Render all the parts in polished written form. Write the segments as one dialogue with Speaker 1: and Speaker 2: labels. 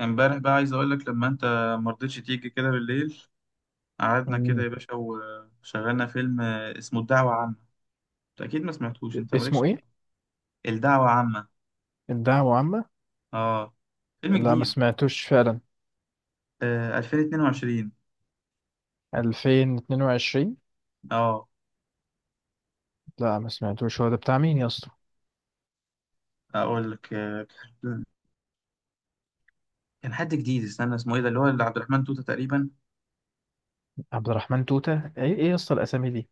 Speaker 1: امبارح بقى عايز اقول لك لما انت ما رضيتش تيجي كده بالليل، قعدنا كده
Speaker 2: مم.
Speaker 1: يا باشا وشغلنا فيلم اسمه الدعوة عامة. انت اكيد ما سمعتوش، انت مالكش
Speaker 2: اسمه
Speaker 1: حق.
Speaker 2: ايه؟
Speaker 1: الدعوة عامة،
Speaker 2: الدعوة عامة.
Speaker 1: اه فيلم
Speaker 2: لا، ما
Speaker 1: جديد.
Speaker 2: سمعتوش فعلا.
Speaker 1: 2022.
Speaker 2: 2022.
Speaker 1: اه
Speaker 2: لا ما سمعتوش، هو ده بتاع مين يا اسطى؟
Speaker 1: اقول لك كان حد جديد، استنى اسمه ايه ده، اللي هو اللي عبد الرحمن توتة تقريبا.
Speaker 2: عبد الرحمن توتة. ايه ايه يا اسطى الاسامي دي؟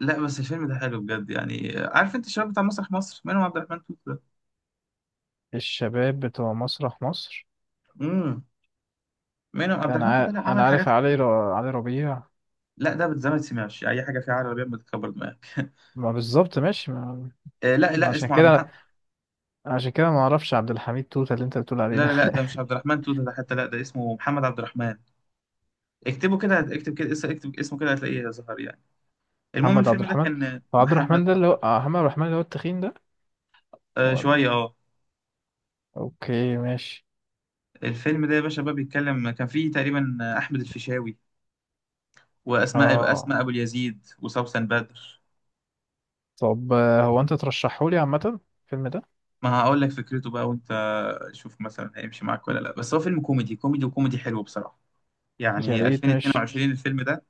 Speaker 1: لا بس الفيلم ده حلو بجد يعني، عارف انت الشباب بتاع مسرح مصر؟ منهم عبد الرحمن توتة ده.
Speaker 2: الشباب بتوع مسرح مصر.
Speaker 1: امم منهم عبد الرحمن توتة. لا عمل
Speaker 2: انا عارف
Speaker 1: حاجات حلوة.
Speaker 2: علي ربيع.
Speaker 1: لا ده بتزمت سمعش اي حاجة فيها عربي، بيعمل تكبر دماغك.
Speaker 2: ما بالظبط ماشي.
Speaker 1: لا
Speaker 2: ما
Speaker 1: لا
Speaker 2: عشان
Speaker 1: اسمه عبد.
Speaker 2: كده عشان كده ما اعرفش عبد الحميد توتة اللي انت بتقول عليه
Speaker 1: لا
Speaker 2: ده.
Speaker 1: لا لا ده مش عبد الرحمن توتة ده حتى، لا ده اسمه محمد عبد الرحمن. اكتبه كده، اكتب كده، اكتب اسمه كده هتلاقيه ظهر يعني. المهم
Speaker 2: محمد عبد
Speaker 1: الفيلم ده
Speaker 2: الرحمن.
Speaker 1: كان
Speaker 2: هو عبد الرحمن
Speaker 1: محمد
Speaker 2: ده
Speaker 1: عبد
Speaker 2: اللي هو
Speaker 1: الرحمن.
Speaker 2: محمد عبد الرحمن اللي هو التخين ده؟
Speaker 1: آه
Speaker 2: ولا؟
Speaker 1: شوية اه.
Speaker 2: اوكي ماشي
Speaker 1: الفيلم ده يا باشا بقى بيتكلم، كان فيه تقريبا أحمد الفيشاوي
Speaker 2: اه.
Speaker 1: أسماء أبو اليزيد وسوسن بدر.
Speaker 2: طب هو انت ترشحه لي عامة الفيلم ده؟
Speaker 1: ما هقول لك فكرته بقى، وانت شوف مثلا هيمشي معاك ولا لا، بس هو فيلم كوميدي كوميدي وكوميدي حلو بصراحة.
Speaker 2: يا
Speaker 1: يعني
Speaker 2: ريت، ماشي
Speaker 1: 2022 الفيلم ده،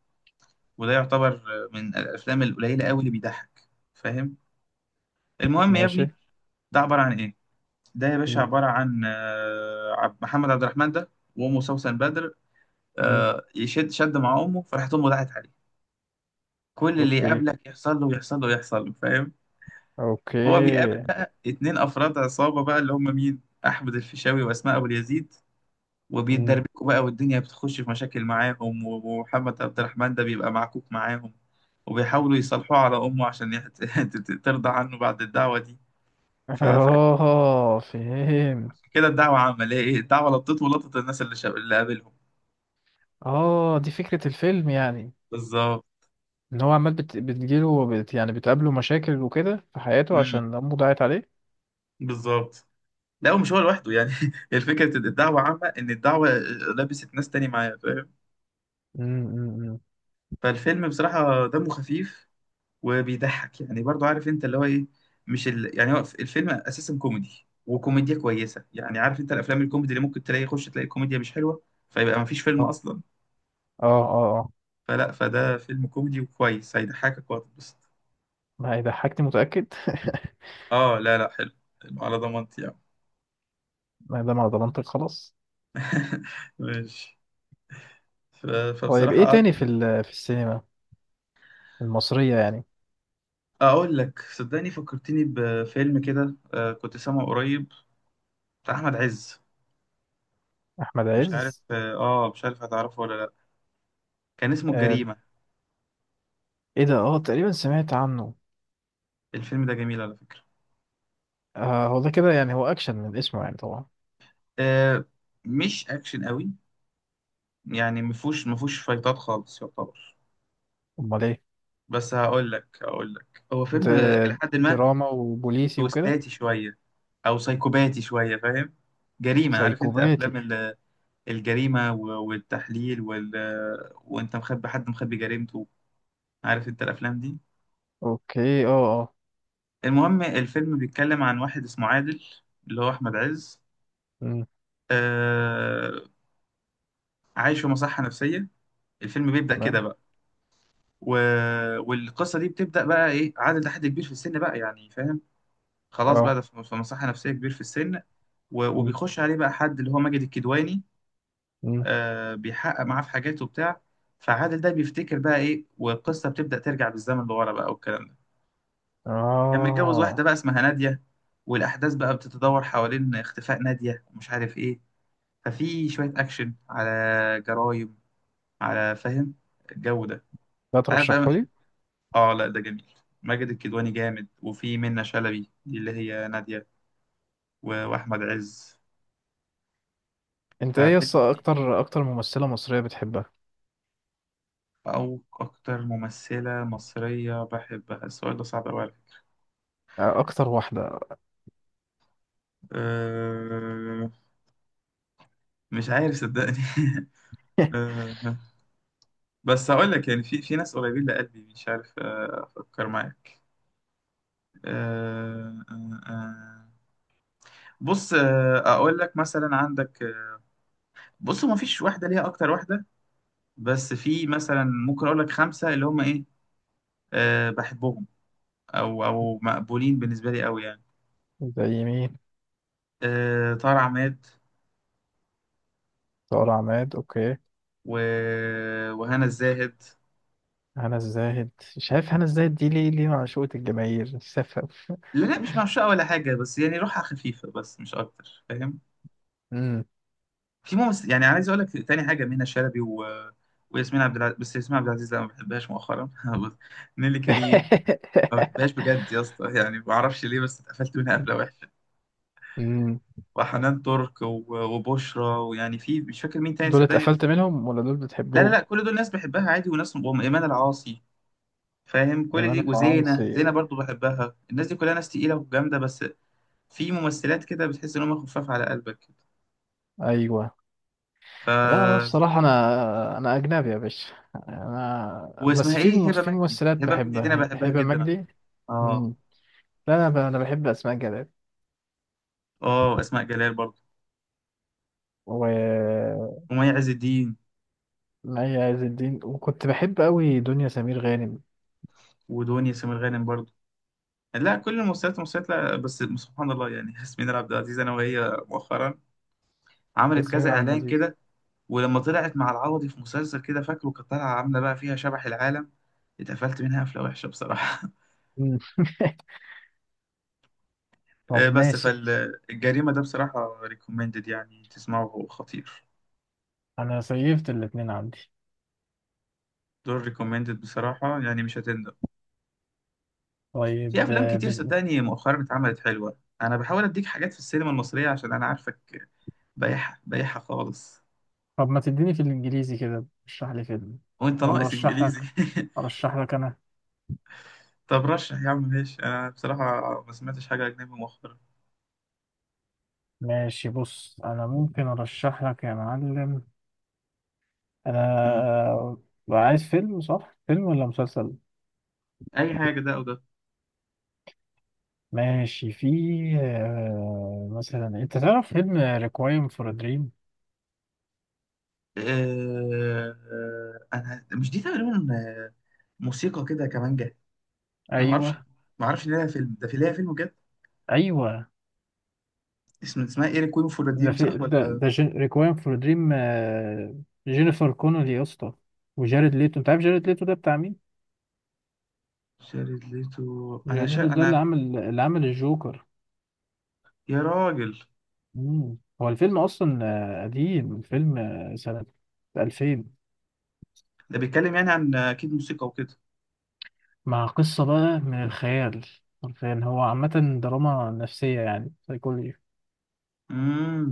Speaker 1: وده يعتبر من الأفلام القليلة قوي اللي بيضحك، فاهم؟ المهم يا
Speaker 2: ماشي.
Speaker 1: ابني ده عبارة عن ايه؟ ده يا باشا
Speaker 2: مم.
Speaker 1: عبارة عن محمد عبد الرحمن ده، وأمه سوسن بدر.
Speaker 2: مم.
Speaker 1: شد مع أمه، فراحت أمه دعت عليه، كل اللي
Speaker 2: اوكي.
Speaker 1: يقابلك يحصل له، يحصل له، يحصل له، فاهم؟ هو بيقابل
Speaker 2: اوكي.
Speaker 1: بقى اتنين أفراد عصابة بقى، اللي هم مين؟ أحمد الفيشاوي وأسماء أبو اليزيد،
Speaker 2: مم.
Speaker 1: وبيتدربكوا بقى، والدنيا بتخش في مشاكل معاهم، ومحمد عبد الرحمن ده بيبقى معكوك معاهم. وبيحاولوا يصالحوه على أمه عشان يحت... ترضى عنه بعد الدعوة دي. ف... ف...
Speaker 2: اه، فهم.
Speaker 1: كده الدعوة عمل ايه؟ الدعوة لطت ولطت الناس اللي قابلهم.
Speaker 2: اه دي فكرة الفيلم يعني،
Speaker 1: بالظبط.
Speaker 2: ان هو عمال بتجيله يعني بتقابله مشاكل وكده في حياته
Speaker 1: امم
Speaker 2: عشان امه ضاعت عليه.
Speaker 1: بالظبط. لا ومش هو لوحده يعني، الفكره الدعوه عامه ان الدعوه لبست ناس تاني معايا، فاهم؟
Speaker 2: مم. مم. مم.
Speaker 1: فالفيلم بصراحه دمه خفيف وبيضحك يعني، برضو عارف انت اللي هو ايه؟ مش ال... يعني هو الفيلم اساسا كوميدي وكوميديا كويسه، يعني عارف انت الافلام الكوميدي اللي ممكن تلاقي يخش تلاقي كوميديا مش حلوه، فيبقى ما فيش فيلم
Speaker 2: اه.
Speaker 1: اصلا.
Speaker 2: اه. اه. آه.
Speaker 1: فلا فده فيلم كوميدي وكويس، هيضحكك وهتتبسط.
Speaker 2: ما هي ضحكتي، متأكد؟
Speaker 1: اه لا لا حلو، حلو على ضمانتي يعني.
Speaker 2: ما دام على ضمانتك خلاص.
Speaker 1: ماشي.
Speaker 2: طيب ايه
Speaker 1: فبصراحه
Speaker 2: تاني في السينما المصرية يعني؟
Speaker 1: اقول لك صدقني، فكرتني بفيلم كده، كنت سامعه قريب بتاع احمد عز.
Speaker 2: احمد
Speaker 1: مش عارف
Speaker 2: عز.
Speaker 1: اه، مش عارف هتعرفه ولا لا. كان اسمه
Speaker 2: آه.
Speaker 1: الجريمة.
Speaker 2: ايه ده؟ اه تقريبا سمعت عنه.
Speaker 1: الفيلم ده جميل على فكرة.
Speaker 2: آه، هو ده كده يعني، هو أكشن من اسمه يعني طبعا.
Speaker 1: آه مش اكشن قوي يعني، مفهوش فايتات خالص يعتبر.
Speaker 2: أمال إيه؟
Speaker 1: بس هقول لك، هو فيلم، الى حد ما
Speaker 2: دراما وبوليسي وكده.
Speaker 1: تويستاتي شوية او سايكوباتي شوية، فاهم؟ جريمة، عارف انت افلام
Speaker 2: سايكوباتي.
Speaker 1: الجريمة والتحليل وانت مخبي حد، مخبي جريمته، عارف انت الافلام دي.
Speaker 2: أوكي أه. أه.
Speaker 1: المهم الفيلم بيتكلم عن واحد اسمه عادل، اللي هو احمد عز.
Speaker 2: أمم،
Speaker 1: آه. عايش في مصحة نفسية، الفيلم بيبدأ كده
Speaker 2: تمام.
Speaker 1: بقى. و... والقصة دي بتبدأ بقى ايه، عادل ده حد كبير في السن بقى يعني، فاهم؟ خلاص بقى
Speaker 2: أه.
Speaker 1: ده في مصحة نفسية كبير في السن.
Speaker 2: أمم،
Speaker 1: وبيخش عليه بقى حد اللي هو ماجد الكدواني.
Speaker 2: أمم،
Speaker 1: آه بيحقق معاه في حاجاته وبتاع. فعادل ده بيفتكر بقى ايه، والقصة بتبدأ ترجع بالزمن لورا بقى والكلام ده. كان متجوز واحدة
Speaker 2: أه.
Speaker 1: بقى اسمها نادية، والأحداث بقى بتتدور حوالين اختفاء نادية ومش عارف ايه. ففي شوية أكشن على جرايم، على فاهم الجو ده،
Speaker 2: ده
Speaker 1: أنت عارف بقى.
Speaker 2: ترشحهولي.
Speaker 1: آه لا ده جميل، ماجد الكدواني جامد، وفي منة شلبي دي اللي هي نادية، وأحمد عز.
Speaker 2: أنت إيه يس،
Speaker 1: ففيلم تقيل.
Speaker 2: أكتر ممثلة مصرية بتحبها؟
Speaker 1: أو أكتر ممثلة مصرية بحبها، السؤال ده صعب أوي عليا.
Speaker 2: أكتر واحدة.
Speaker 1: أه... مش عارف صدقني. أه... بس هقول لك يعني، في ناس قريبين لقلبي، مش عارف، أفكر معاك. أه... أه... أه... بص، اقول لك مثلا عندك، بص ما فيش واحدة ليها أكتر واحدة، بس في مثلا ممكن أقول لك خمسة اللي هم إيه، أه بحبهم، أو مقبولين بالنسبة لي أوي يعني.
Speaker 2: زي مين؟
Speaker 1: أه طارق عماد،
Speaker 2: سارة عماد، أوكي.
Speaker 1: و... وهنا الزاهد.
Speaker 2: هنا الزاهد. شايف هنا الزاهد دي ليه معشوقة الجماهير سفه؟
Speaker 1: لا لا مش معشقة ولا حاجة، بس يعني روحها خفيفة بس، مش أكتر، فاهم؟
Speaker 2: أمم.
Speaker 1: في ممثل يعني عايز أقول لك تاني حاجة، منى شلبي وياسمين عبد العزيز، بس ياسمين عبد العزيز لا ما بحبهاش مؤخرا. نيلي كريم ما بحبهاش بجد يا اسطى، يعني ما أعرفش ليه، بس اتقفلت منها قفلة وحشة.
Speaker 2: أمم.
Speaker 1: وحنان ترك وبشرى، ويعني في مش فاكر مين تاني
Speaker 2: دول
Speaker 1: صدقني.
Speaker 2: اتقفلت
Speaker 1: بس
Speaker 2: منهم ولا دول
Speaker 1: لا لا
Speaker 2: بتحبهم؟
Speaker 1: لا، كل دول ناس بحبها عادي، وناس، وأم إيمان العاصي، فاهم؟ كل
Speaker 2: ايمن
Speaker 1: دي وزينة،
Speaker 2: العاصي.
Speaker 1: برضو بحبها، الناس دي كلها ناس تقيلة وجامدة بس. في ممثلات كده بتحس إن هم خفاف على قلبك كده.
Speaker 2: ايوه. لا انا
Speaker 1: ف،
Speaker 2: بصراحه انا اجنبي يا باشا. انا بس
Speaker 1: واسمها إيه،
Speaker 2: في
Speaker 1: هبة
Speaker 2: في
Speaker 1: مجدي،
Speaker 2: ممثلات
Speaker 1: هبة مجدي دي أنا
Speaker 2: بحبها
Speaker 1: بحبها
Speaker 2: هبه
Speaker 1: جدا على
Speaker 2: مجدي.
Speaker 1: فكرة. آه.
Speaker 2: مم. لا انا بحب اسماء جلال
Speaker 1: آه أسماء جلال برضو،
Speaker 2: ومي
Speaker 1: ومي عز الدين،
Speaker 2: عز الدين، وكنت بحب قوي دنيا سمير غانم.
Speaker 1: ودنيا سمير غانم برضو. لا كل الممثلات لا، بس سبحان الله يعني، ياسمين عبد العزيز أنا وهي مؤخرا، عملت
Speaker 2: ياسمين
Speaker 1: كذا
Speaker 2: عبد
Speaker 1: إعلان
Speaker 2: العزيز.
Speaker 1: كده، ولما طلعت مع العوضي في مسلسل كده فاكره كانت طالعه عامله بقى فيها شبح العالم، اتقفلت منها قفله وحشه بصراحه.
Speaker 2: مم. طب
Speaker 1: بس
Speaker 2: ماشي،
Speaker 1: فالجريمه ده بصراحه ريكومندد يعني تسمعه، هو خطير.
Speaker 2: انا سيفت الاتنين عندي.
Speaker 1: دول ريكومندد بصراحه يعني مش هتندم. في
Speaker 2: طيب
Speaker 1: افلام كتير صدقني مؤخرا اتعملت حلوه، انا بحاول اديك حاجات في السينما المصريه عشان انا عارفك، بايحه خالص.
Speaker 2: طب ما تديني في الانجليزي كده اشرح لي فيلم،
Speaker 1: وانت
Speaker 2: ولا
Speaker 1: ناقص
Speaker 2: ارشح
Speaker 1: انجليزي؟
Speaker 2: لك ارشح لك انا.
Speaker 1: طب رشح يا عم ماشي، انا بصراحه ما سمعتش حاجه اجنبي مؤخرا.
Speaker 2: ماشي، بص انا ممكن ارشح لك يا معلم.
Speaker 1: مم.
Speaker 2: انا عايز فيلم، صح؟ فيلم ولا مسلسل؟
Speaker 1: اي حاجه، ده او ده.
Speaker 2: ماشي، في مثلا، انت تعرف فيلم ريكوايم فور دريم؟
Speaker 1: انا مش دي تقريبا، موسيقى كده كمانجا. انا ما اعرفش،
Speaker 2: ايوه.
Speaker 1: ما اعرفش ان ليها فيلم، ده في ليها فيلم بجد؟
Speaker 2: ايوه
Speaker 1: اسمها ايري كوين فور
Speaker 2: ده
Speaker 1: ريديم
Speaker 2: في
Speaker 1: صح
Speaker 2: ده
Speaker 1: ولا؟
Speaker 2: ده ريكوايم فور دريم. جينيفر كونولي يا اسطى، وجارد ليتو. انت عارف جارد ليتو ده بتاع مين؟
Speaker 1: شارد ليتو،
Speaker 2: جارد ليتو ده
Speaker 1: انا.
Speaker 2: اللي عمل الجوكر.
Speaker 1: يا راجل،
Speaker 2: مم. هو الفيلم اصلا قديم. الفيلم سنة 2000،
Speaker 1: ده بيتكلم يعني عن اكيد موسيقى وكده.
Speaker 2: مع قصة بقى من الخيال. حرفيا هو عامة دراما نفسية يعني سايكولوجي.
Speaker 1: امم.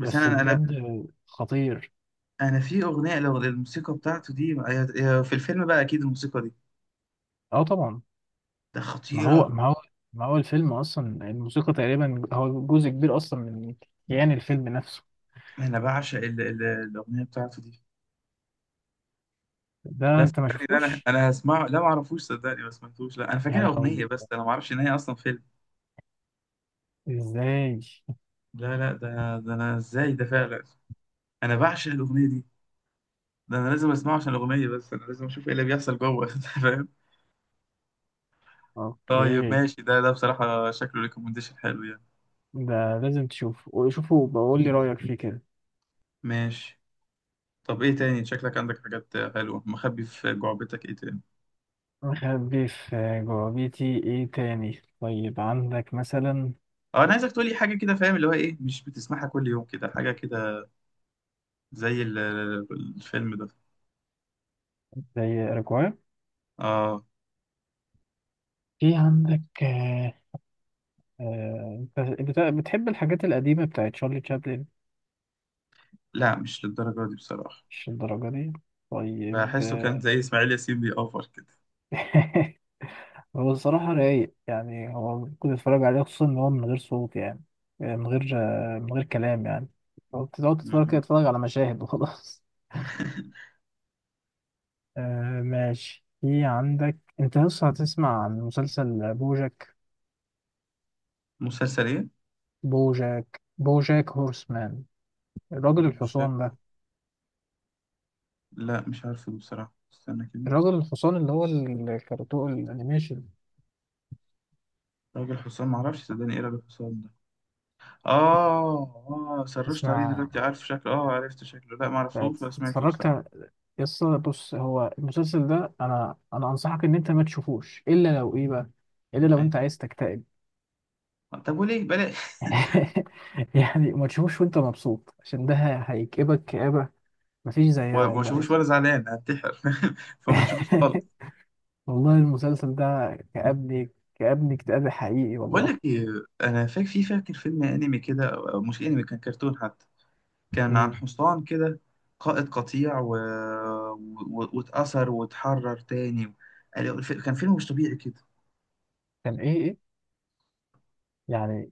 Speaker 1: بس
Speaker 2: بجد خطير.
Speaker 1: انا في اغنيه، لو الموسيقى بتاعته دي هي في الفيلم بقى، اكيد الموسيقى دي
Speaker 2: اه طبعا.
Speaker 1: ده
Speaker 2: ما هو،
Speaker 1: خطيره.
Speaker 2: ما هو، الفيلم اصلا الموسيقى تقريبا هو جزء كبير اصلا من كيان الفيلم نفسه.
Speaker 1: انا بعشق الاغنيه بتاعته دي.
Speaker 2: ده
Speaker 1: لا
Speaker 2: انت ما
Speaker 1: صدقني لا،
Speaker 2: شفتوش؟
Speaker 1: انا هسمعه، لا ما اعرفوش صدقني ما سمعتوش، لا انا
Speaker 2: يا
Speaker 1: فاكرها اغنيه
Speaker 2: لهوي،
Speaker 1: بس انا ما اعرفش ان هي اصلا فيلم.
Speaker 2: ازاي؟
Speaker 1: لا لا ده ده انا ازاي ده فعلا، انا بعشق الاغنيه دي، ده انا لازم اسمعه عشان الاغنيه، بس انا لازم اشوف ايه اللي بيحصل جوه. أنت فاهم؟ طيب
Speaker 2: اوكي.
Speaker 1: ماشي، ده بصراحه شكله ريكومنديشن حلو يعني.
Speaker 2: ده لازم تشوفه، شوفه بقول لي رأيك فيه كده.
Speaker 1: ماشي. طب ايه تاني، شكلك عندك حاجات حلوه مخبي في جعبتك، ايه تاني؟
Speaker 2: مخبي في جوابيتي ايه تاني؟ طيب عندك مثلا
Speaker 1: اه انا عايزك تقولي حاجه كده فاهم، اللي هو ايه، مش بتسمعها كل يوم كده، حاجه كده زي الفيلم ده.
Speaker 2: زي رجوع.
Speaker 1: اه
Speaker 2: في عندك أنت بتحب الحاجات القديمة بتاعت شارلي تشابلن؟
Speaker 1: لا مش للدرجه دي بصراحه،
Speaker 2: مش الدرجة دي. طيب.
Speaker 1: بحسه كان زي اسماعيل ياسين بيأوفر كده.
Speaker 2: هو الصراحة رايق يعني، هو كنت اتفرج عليه خصوصا ان هو من غير صوت يعني، من غير من غير كلام يعني. هو بتقعد تتفرج كده،
Speaker 1: مم.
Speaker 2: تتفرج على مشاهد وخلاص. آه ماشي. في عندك انت لسه، هتسمع عن مسلسل بوجاك؟
Speaker 1: مسلسل ايه؟
Speaker 2: بوجاك هورسمان. الراجل
Speaker 1: بوشك.
Speaker 2: الحصان ده.
Speaker 1: لا مش عارفه بصراحة، استنى كده.
Speaker 2: الراجل الحصان اللي هو الكرتون الانيميشن.
Speaker 1: راجل حسام معرفش صدقني، ايه راجل حسام ده؟ اه. اه سرشت عليه
Speaker 2: تسمع.
Speaker 1: دلوقتي عارف شكله، اه عرفت شكله، لا معرفوش ولا سمعته
Speaker 2: اتفرجت
Speaker 1: بصراحة.
Speaker 2: على- يس، بص هو المسلسل ده انا انصحك ان انت ما تشوفوش الا لو ايه بقى، الا لو انت
Speaker 1: ايوه،
Speaker 2: عايز تكتئب.
Speaker 1: طب وليه؟ بلاش.
Speaker 2: يعني ما تشوفوش وانت مبسوط، عشان ده هيكئبك كآبة مفيش زيها
Speaker 1: وما
Speaker 2: والله يا
Speaker 1: اشوفوش
Speaker 2: اخي.
Speaker 1: ولا زعلان هنتحر. فما تشوفوش خالص.
Speaker 2: والله المسلسل ده كأبني كأبني اكتئاب حقيقي
Speaker 1: بقول
Speaker 2: والله.
Speaker 1: لك ايه، انا فاكر في فاكر فيلم انمي كده أو مش انمي كان كرتون حتى، كان عن
Speaker 2: مم.
Speaker 1: حصان كده قائد قطيع واتأثر واتحرر تاني، كان فيلم مش طبيعي كده.
Speaker 2: كان ايه ايه يعني،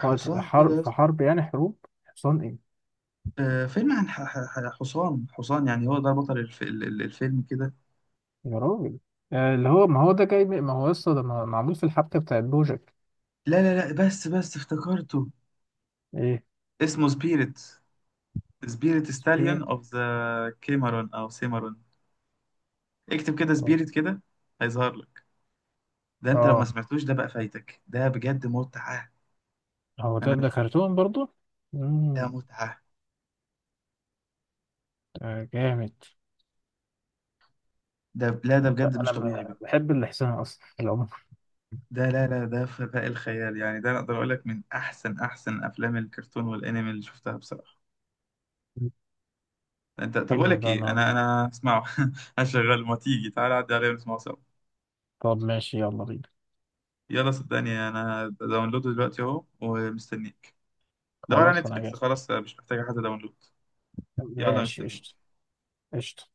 Speaker 2: قائد
Speaker 1: كده
Speaker 2: حرب
Speaker 1: يا
Speaker 2: في
Speaker 1: اسطى.
Speaker 2: حرب يعني حروب؟ حصان ايه؟
Speaker 1: فيلم عن حصان يعني، هو ده بطل الفيلم كده.
Speaker 2: يا راجل اللي هو ما هو ده جاي من- ما هو يسطا ده معمول في الحبكة بتاعت بوجك.
Speaker 1: لا لا لا بس افتكرته،
Speaker 2: ايه؟
Speaker 1: اسمه سبيريت، سبيريت
Speaker 2: سبير.
Speaker 1: ستاليون اوف ذا كيمرون او سيمرون. اكتب كده
Speaker 2: اه.
Speaker 1: سبيريت كده هيظهر لك، ده انت لو ما
Speaker 2: آه.
Speaker 1: سمعتوش ده بقى فايتك، ده بجد متعة.
Speaker 2: هو ده،
Speaker 1: انا
Speaker 2: ده
Speaker 1: مش،
Speaker 2: كرتون برضو؟
Speaker 1: ده
Speaker 2: امم.
Speaker 1: متعة،
Speaker 2: ده جامد.
Speaker 1: ده لا ده بجد مش
Speaker 2: انا
Speaker 1: طبيعي بقى،
Speaker 2: بحب الاحسان اصلا في العموم.
Speaker 1: ده لا لا ده فداء الخيال يعني، ده انا اقدر اقول لك من احسن افلام الكرتون والانمي اللي شفتها بصراحه. انت طب اقول
Speaker 2: حلو،
Speaker 1: لك
Speaker 2: ده انا
Speaker 1: ايه،
Speaker 2: هظبط.
Speaker 1: انا اسمعه. هشغل، ما تيجي تعالى عدي عليا ونسمعه سوا.
Speaker 2: طب ماشي، يلا بينا.
Speaker 1: يلا صدقني انا داونلوده دلوقتي اهو ومستنيك. دور على
Speaker 2: خلاص انا جاي.
Speaker 1: نتفليكس خلاص مش محتاجه حد داونلود. يلا
Speaker 2: ماشي
Speaker 1: مستنيك.
Speaker 2: قشطة. قشطة.